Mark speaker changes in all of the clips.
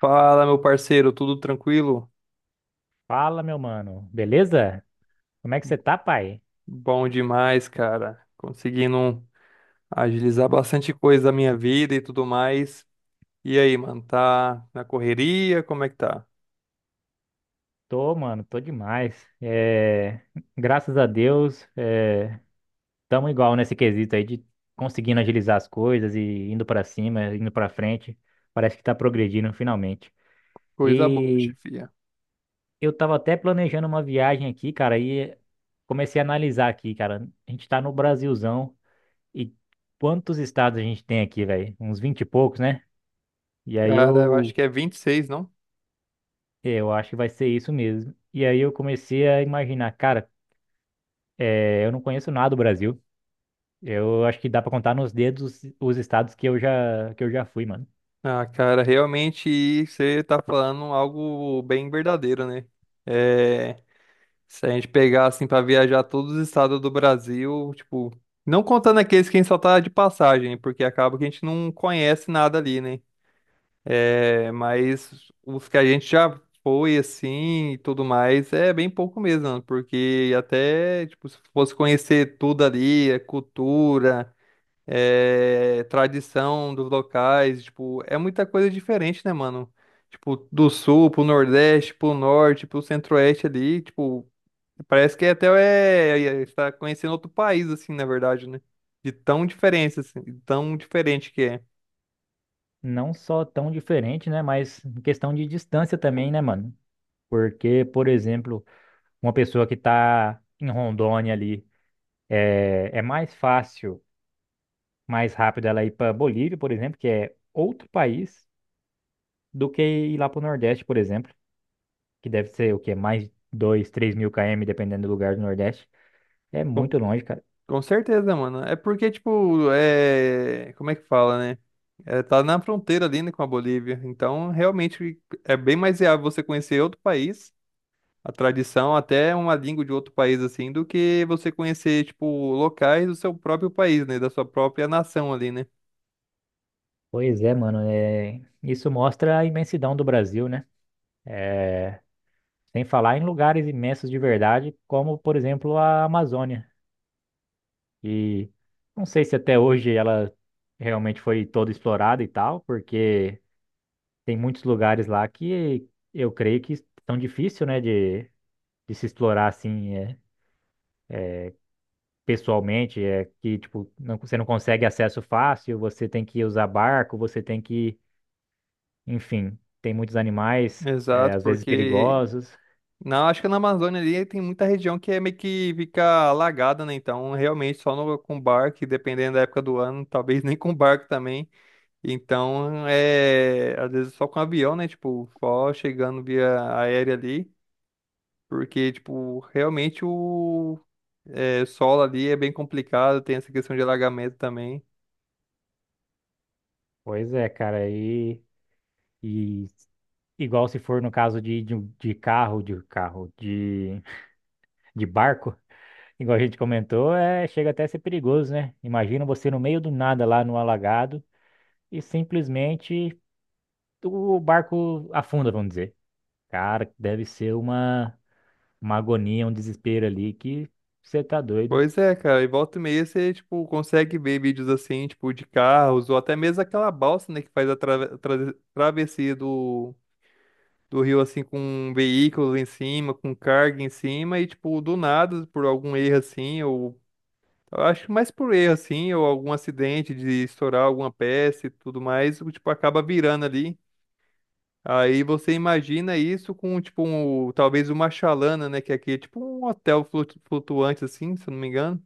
Speaker 1: Fala, meu parceiro, tudo tranquilo?
Speaker 2: Fala, meu mano. Beleza? Como é que você tá, pai?
Speaker 1: Bom demais, cara. Conseguindo agilizar bastante coisa da minha vida e tudo mais. E aí, mano, tá na correria? Como é que tá?
Speaker 2: Tô, mano, tô demais. Graças a Deus, tamo igual nesse quesito aí de conseguindo agilizar as coisas e indo pra cima, indo pra frente. Parece que tá progredindo finalmente.
Speaker 1: Coisa boa,
Speaker 2: E
Speaker 1: chefia.
Speaker 2: eu tava até planejando uma viagem aqui, cara, e comecei a analisar aqui, cara. A gente tá no Brasilzão e quantos estados a gente tem aqui, velho? Uns 20 e poucos, né? E aí
Speaker 1: Cara, eu acho
Speaker 2: eu.
Speaker 1: que é 26, não?
Speaker 2: É, eu acho que vai ser isso mesmo. E aí eu comecei a imaginar, cara, eu não conheço nada do Brasil. Eu acho que dá pra contar nos dedos os estados que eu já fui, mano.
Speaker 1: Ah, cara, realmente você tá falando algo bem verdadeiro, né? É, se a gente pegar assim pra viajar todos os estados do Brasil, tipo, não contando aqueles que a gente só tá de passagem, porque acaba que a gente não conhece nada ali, né? É, mas os que a gente já foi assim e tudo mais, é bem pouco mesmo, mano, porque até, tipo, se fosse conhecer tudo ali, a cultura, é, tradição dos locais, tipo, é muita coisa diferente, né, mano? Tipo, do sul pro nordeste, pro norte, pro centro-oeste ali, tipo, parece que até está conhecendo outro país, assim, na verdade, né? De tão diferença, assim, de tão diferente que é.
Speaker 2: Não só tão diferente, né, mas em questão de distância também, né, mano? Porque, por exemplo, uma pessoa que tá em Rondônia ali, é, é mais fácil, mais rápido ela ir pra Bolívia, por exemplo, que é outro país, do que ir lá pro Nordeste, por exemplo, que deve ser o quê? Mais 2, 3 mil km, dependendo do lugar do Nordeste. É
Speaker 1: Com,
Speaker 2: muito longe, cara.
Speaker 1: com certeza, mano. É porque, tipo, como é que fala, né? É, tá na fronteira ali, né, com a Bolívia. Então, realmente, é bem mais viável você conhecer outro país, a tradição, até uma língua de outro país, assim, do que você conhecer, tipo, locais do seu próprio país, né? Da sua própria nação ali, né?
Speaker 2: Pois é, mano. Isso mostra a imensidão do Brasil, né? É... Sem falar em lugares imensos de verdade, como, por exemplo, a Amazônia. E não sei se até hoje ela realmente foi toda explorada e tal, porque tem muitos lugares lá que eu creio que estão difícil, né, de se explorar assim, é, pessoalmente. É que, tipo, não- você não consegue acesso fácil, você tem que usar barco, você tem que Enfim, tem muitos animais, é,
Speaker 1: Exato,
Speaker 2: às vezes
Speaker 1: porque
Speaker 2: perigosos.
Speaker 1: não, acho que na Amazônia ali tem muita região que é meio que fica alagada, né? Então, realmente, só no, com barco, e dependendo da época do ano, talvez nem com barco também. Então, é, às vezes só com avião, né? Tipo, só chegando via aérea ali, porque, tipo, realmente o é, solo ali é bem complicado, tem essa questão de alagamento também.
Speaker 2: Pois é, cara, e igual se for no caso de carro, de barco, igual a gente comentou, é, chega até a ser perigoso, né? Imagina você no meio do nada lá no alagado e simplesmente o barco afunda, vamos dizer. Cara, deve ser uma agonia, um desespero ali que você tá doido.
Speaker 1: Pois é, cara, e volta e meia você, tipo, consegue ver vídeos assim, tipo, de carros, ou até mesmo aquela balsa, né, que faz a travessia do rio assim com veículos em cima, com carga em cima e tipo do nada por algum erro assim ou eu acho que mais por erro assim ou algum acidente de estourar alguma peça e tudo mais, o tipo acaba virando ali. Aí você imagina isso com tipo talvez uma chalana, né, que aqui é tipo um hotel flutuante assim, se eu não me engano.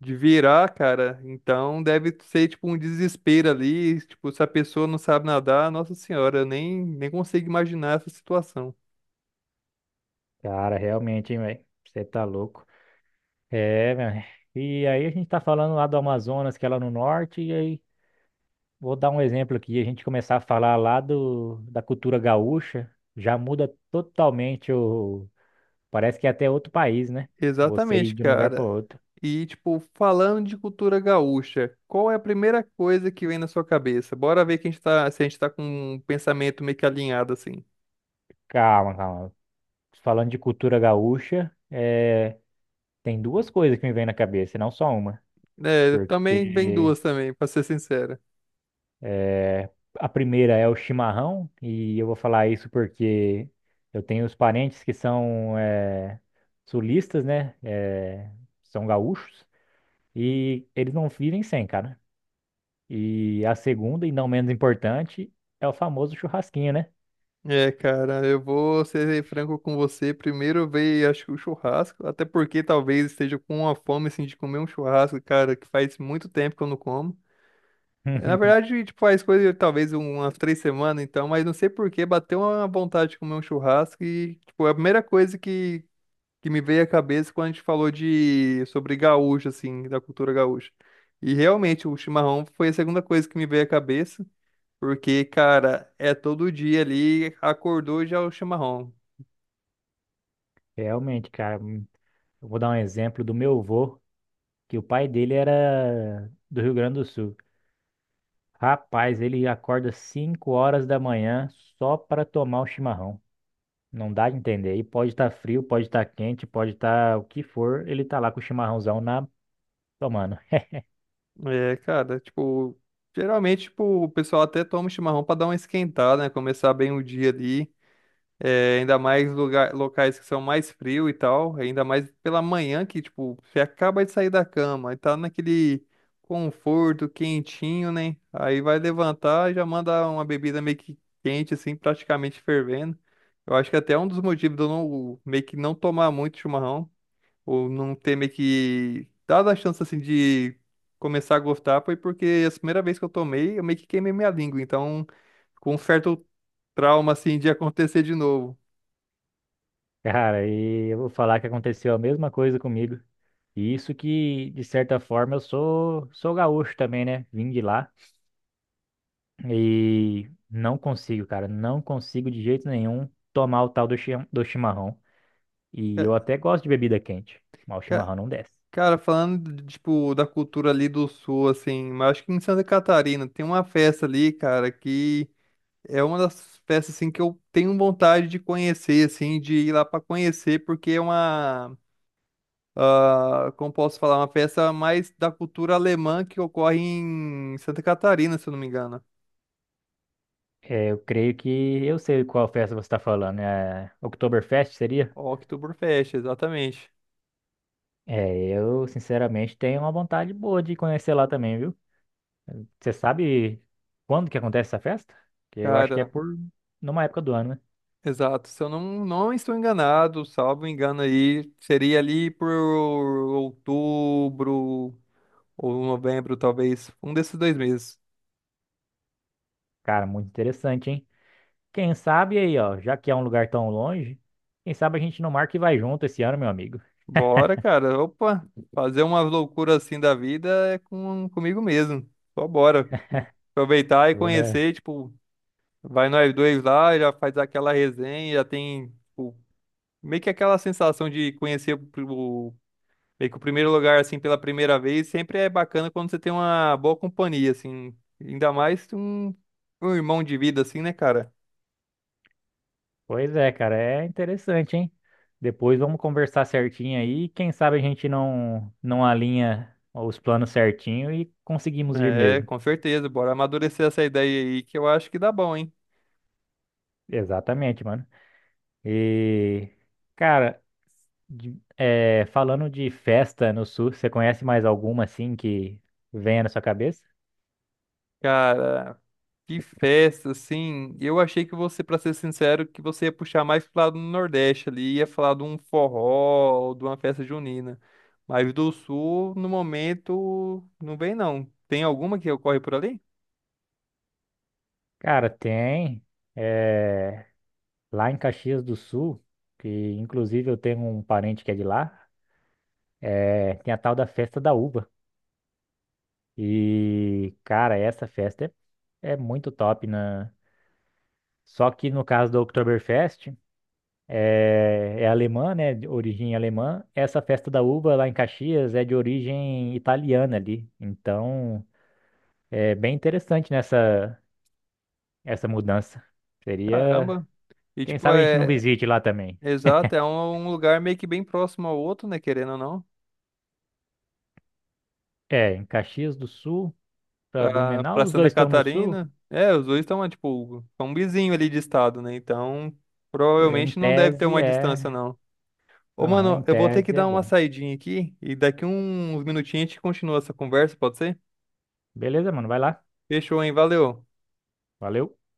Speaker 1: De virar, cara, então deve ser tipo um desespero ali. Tipo, se a pessoa não sabe nadar, nossa senhora, eu nem consigo imaginar essa situação.
Speaker 2: Cara, realmente, hein, velho? Você tá louco. É, meu. E aí a gente tá falando lá do Amazonas, que é lá no norte, e aí vou dar um exemplo aqui, a gente começar a falar lá do, da cultura gaúcha, já muda totalmente o... Parece que é até outro país, né? Você ir
Speaker 1: Exatamente,
Speaker 2: de um lugar para
Speaker 1: cara.
Speaker 2: outro.
Speaker 1: E, tipo, falando de cultura gaúcha, qual é a primeira coisa que vem na sua cabeça? Bora ver que a gente tá, se a gente tá com um pensamento meio que alinhado, assim.
Speaker 2: Calma, calma. Falando de cultura gaúcha, é, tem duas coisas que me vêm na cabeça, não só uma.
Speaker 1: É, também vem
Speaker 2: Porque.
Speaker 1: duas também, pra ser sincero.
Speaker 2: É, A primeira é o chimarrão, e eu vou falar isso porque eu tenho os parentes que são sulistas, né? São gaúchos, e eles não vivem sem, cara. E a segunda, e não menos importante, é o famoso churrasquinho, né?
Speaker 1: É, cara, eu vou ser franco com você. Primeiro veio, acho que o churrasco, até porque talvez esteja com uma fome, assim, de comer um churrasco, cara, que faz muito tempo que eu não como. Na verdade, tipo, faz coisa de talvez umas 3 semanas, então, mas não sei por que bateu uma vontade de comer um churrasco e, tipo, a primeira coisa que me veio à cabeça quando a gente falou de sobre gaúcho, assim, da cultura gaúcha. E realmente o chimarrão foi a segunda coisa que me veio à cabeça, porque, cara, é todo dia ali, acordou já é o chimarrão.
Speaker 2: Realmente, cara. Eu vou dar um exemplo do meu avô, que o pai dele era do Rio Grande do Sul. Rapaz, ele acorda 5 horas da manhã só para tomar o chimarrão. Não dá a entender. E pode estar frio, pode estar quente, pode estar o que for, ele tá lá com o chimarrãozão na tomando.
Speaker 1: É, cara, tipo, geralmente, tipo, o pessoal até toma o chimarrão pra dar uma esquentada, né? Começar bem o dia ali. É, ainda mais lugar, locais que são mais frio e tal, ainda mais pela manhã que, tipo, você acaba de sair da cama e tá naquele conforto, quentinho, né? Aí vai levantar e já manda uma bebida meio que quente, assim, praticamente fervendo. Eu acho que até é um dos motivos de eu não, meio que não tomar muito chimarrão, ou não ter meio que dado a chance, assim, de começar a gostar, foi porque a primeira vez que eu tomei, eu meio que queimei minha língua, então, com um certo trauma, assim, de acontecer de novo.
Speaker 2: Cara, e eu vou falar que aconteceu a mesma coisa comigo. E isso que, de certa forma, eu sou gaúcho também, né? Vim de lá. E não consigo, cara. Não consigo de jeito nenhum tomar o tal do chimarrão. E
Speaker 1: Ca-
Speaker 2: eu até gosto de bebida quente, mas o
Speaker 1: ca-
Speaker 2: chimarrão não desce.
Speaker 1: Cara, falando, de, tipo, da cultura ali do sul, assim, mas acho que em Santa Catarina tem uma festa ali, cara, que é uma das festas, assim, que eu tenho vontade de conhecer, assim, de ir lá pra conhecer, porque é uma, ah, como posso falar, uma festa mais da cultura alemã que ocorre em Santa Catarina, se eu não me engano.
Speaker 2: É, eu creio que eu sei qual festa você está falando. É Oktoberfest, seria?
Speaker 1: Oktoberfest, exatamente.
Speaker 2: É, eu sinceramente tenho uma vontade boa de conhecer lá também, viu? Você sabe quando que acontece essa festa? Que eu acho que é
Speaker 1: Cara,
Speaker 2: por numa época do ano, né?
Speaker 1: exato, se eu não estou enganado, salvo engano aí, seria ali por outubro ou novembro, talvez, um desses dois meses.
Speaker 2: Cara, muito interessante, hein? Quem sabe aí, ó, já que é um lugar tão longe, quem sabe a gente não marca e vai junto esse ano, meu amigo.
Speaker 1: Bora, cara, opa, fazer uma loucura assim da vida é comigo mesmo, só bora. Aproveitar e
Speaker 2: Ué.
Speaker 1: conhecer, tipo, vai nós dois lá, já faz aquela resenha, já tem, tipo, meio que aquela sensação de conhecer o meio que o primeiro lugar, assim, pela primeira vez, sempre é bacana quando você tem uma boa companhia, assim. Ainda mais um irmão de vida, assim, né, cara?
Speaker 2: Pois é, cara, é interessante, hein? Depois vamos conversar certinho aí, quem sabe a gente não alinha os planos certinho e conseguimos ir
Speaker 1: É,
Speaker 2: mesmo.
Speaker 1: com certeza. Bora amadurecer essa ideia aí, que eu acho que dá bom, hein?
Speaker 2: Exatamente, mano. E, cara, é, falando de festa no sul, você conhece mais alguma assim que venha na sua cabeça?
Speaker 1: Cara, que festa, assim. Eu achei que você, pra ser sincero, que você ia puxar mais pro lado do Nordeste ali, ia falar de um forró, ou de uma festa junina. Mas do Sul, no momento, não vem, não. Tem alguma que ocorre por ali?
Speaker 2: Cara, tem. É, lá em Caxias do Sul, que inclusive eu tenho um parente que é de lá, é, tem a tal da Festa da Uva. E, cara, essa festa é muito top, né? Só que no caso do Oktoberfest, é alemã, né? De origem alemã. Essa Festa da Uva lá em Caxias é de origem italiana ali. Então. É bem interessante nessa essa mudança. Seria,
Speaker 1: Caramba. E
Speaker 2: quem
Speaker 1: tipo,
Speaker 2: sabe a gente não
Speaker 1: é,
Speaker 2: visite lá também.
Speaker 1: exato, é um lugar meio que bem próximo ao outro, né? Querendo ou não.
Speaker 2: É, em Caxias do Sul para
Speaker 1: Pra,
Speaker 2: Blumenau,
Speaker 1: pra
Speaker 2: os
Speaker 1: Santa
Speaker 2: dois estão no sul.
Speaker 1: Catarina. É, os dois estão, tipo, são um vizinho ali de estado, né? Então,
Speaker 2: Pô,
Speaker 1: provavelmente não deve ter uma distância, não. Ô,
Speaker 2: aham, em
Speaker 1: mano, eu vou ter que
Speaker 2: tese é
Speaker 1: dar uma
Speaker 2: bom.
Speaker 1: saidinha aqui e daqui uns minutinhos a gente continua essa conversa, pode ser?
Speaker 2: Beleza, mano, vai lá.
Speaker 1: Fechou, hein? Valeu.
Speaker 2: Valeu.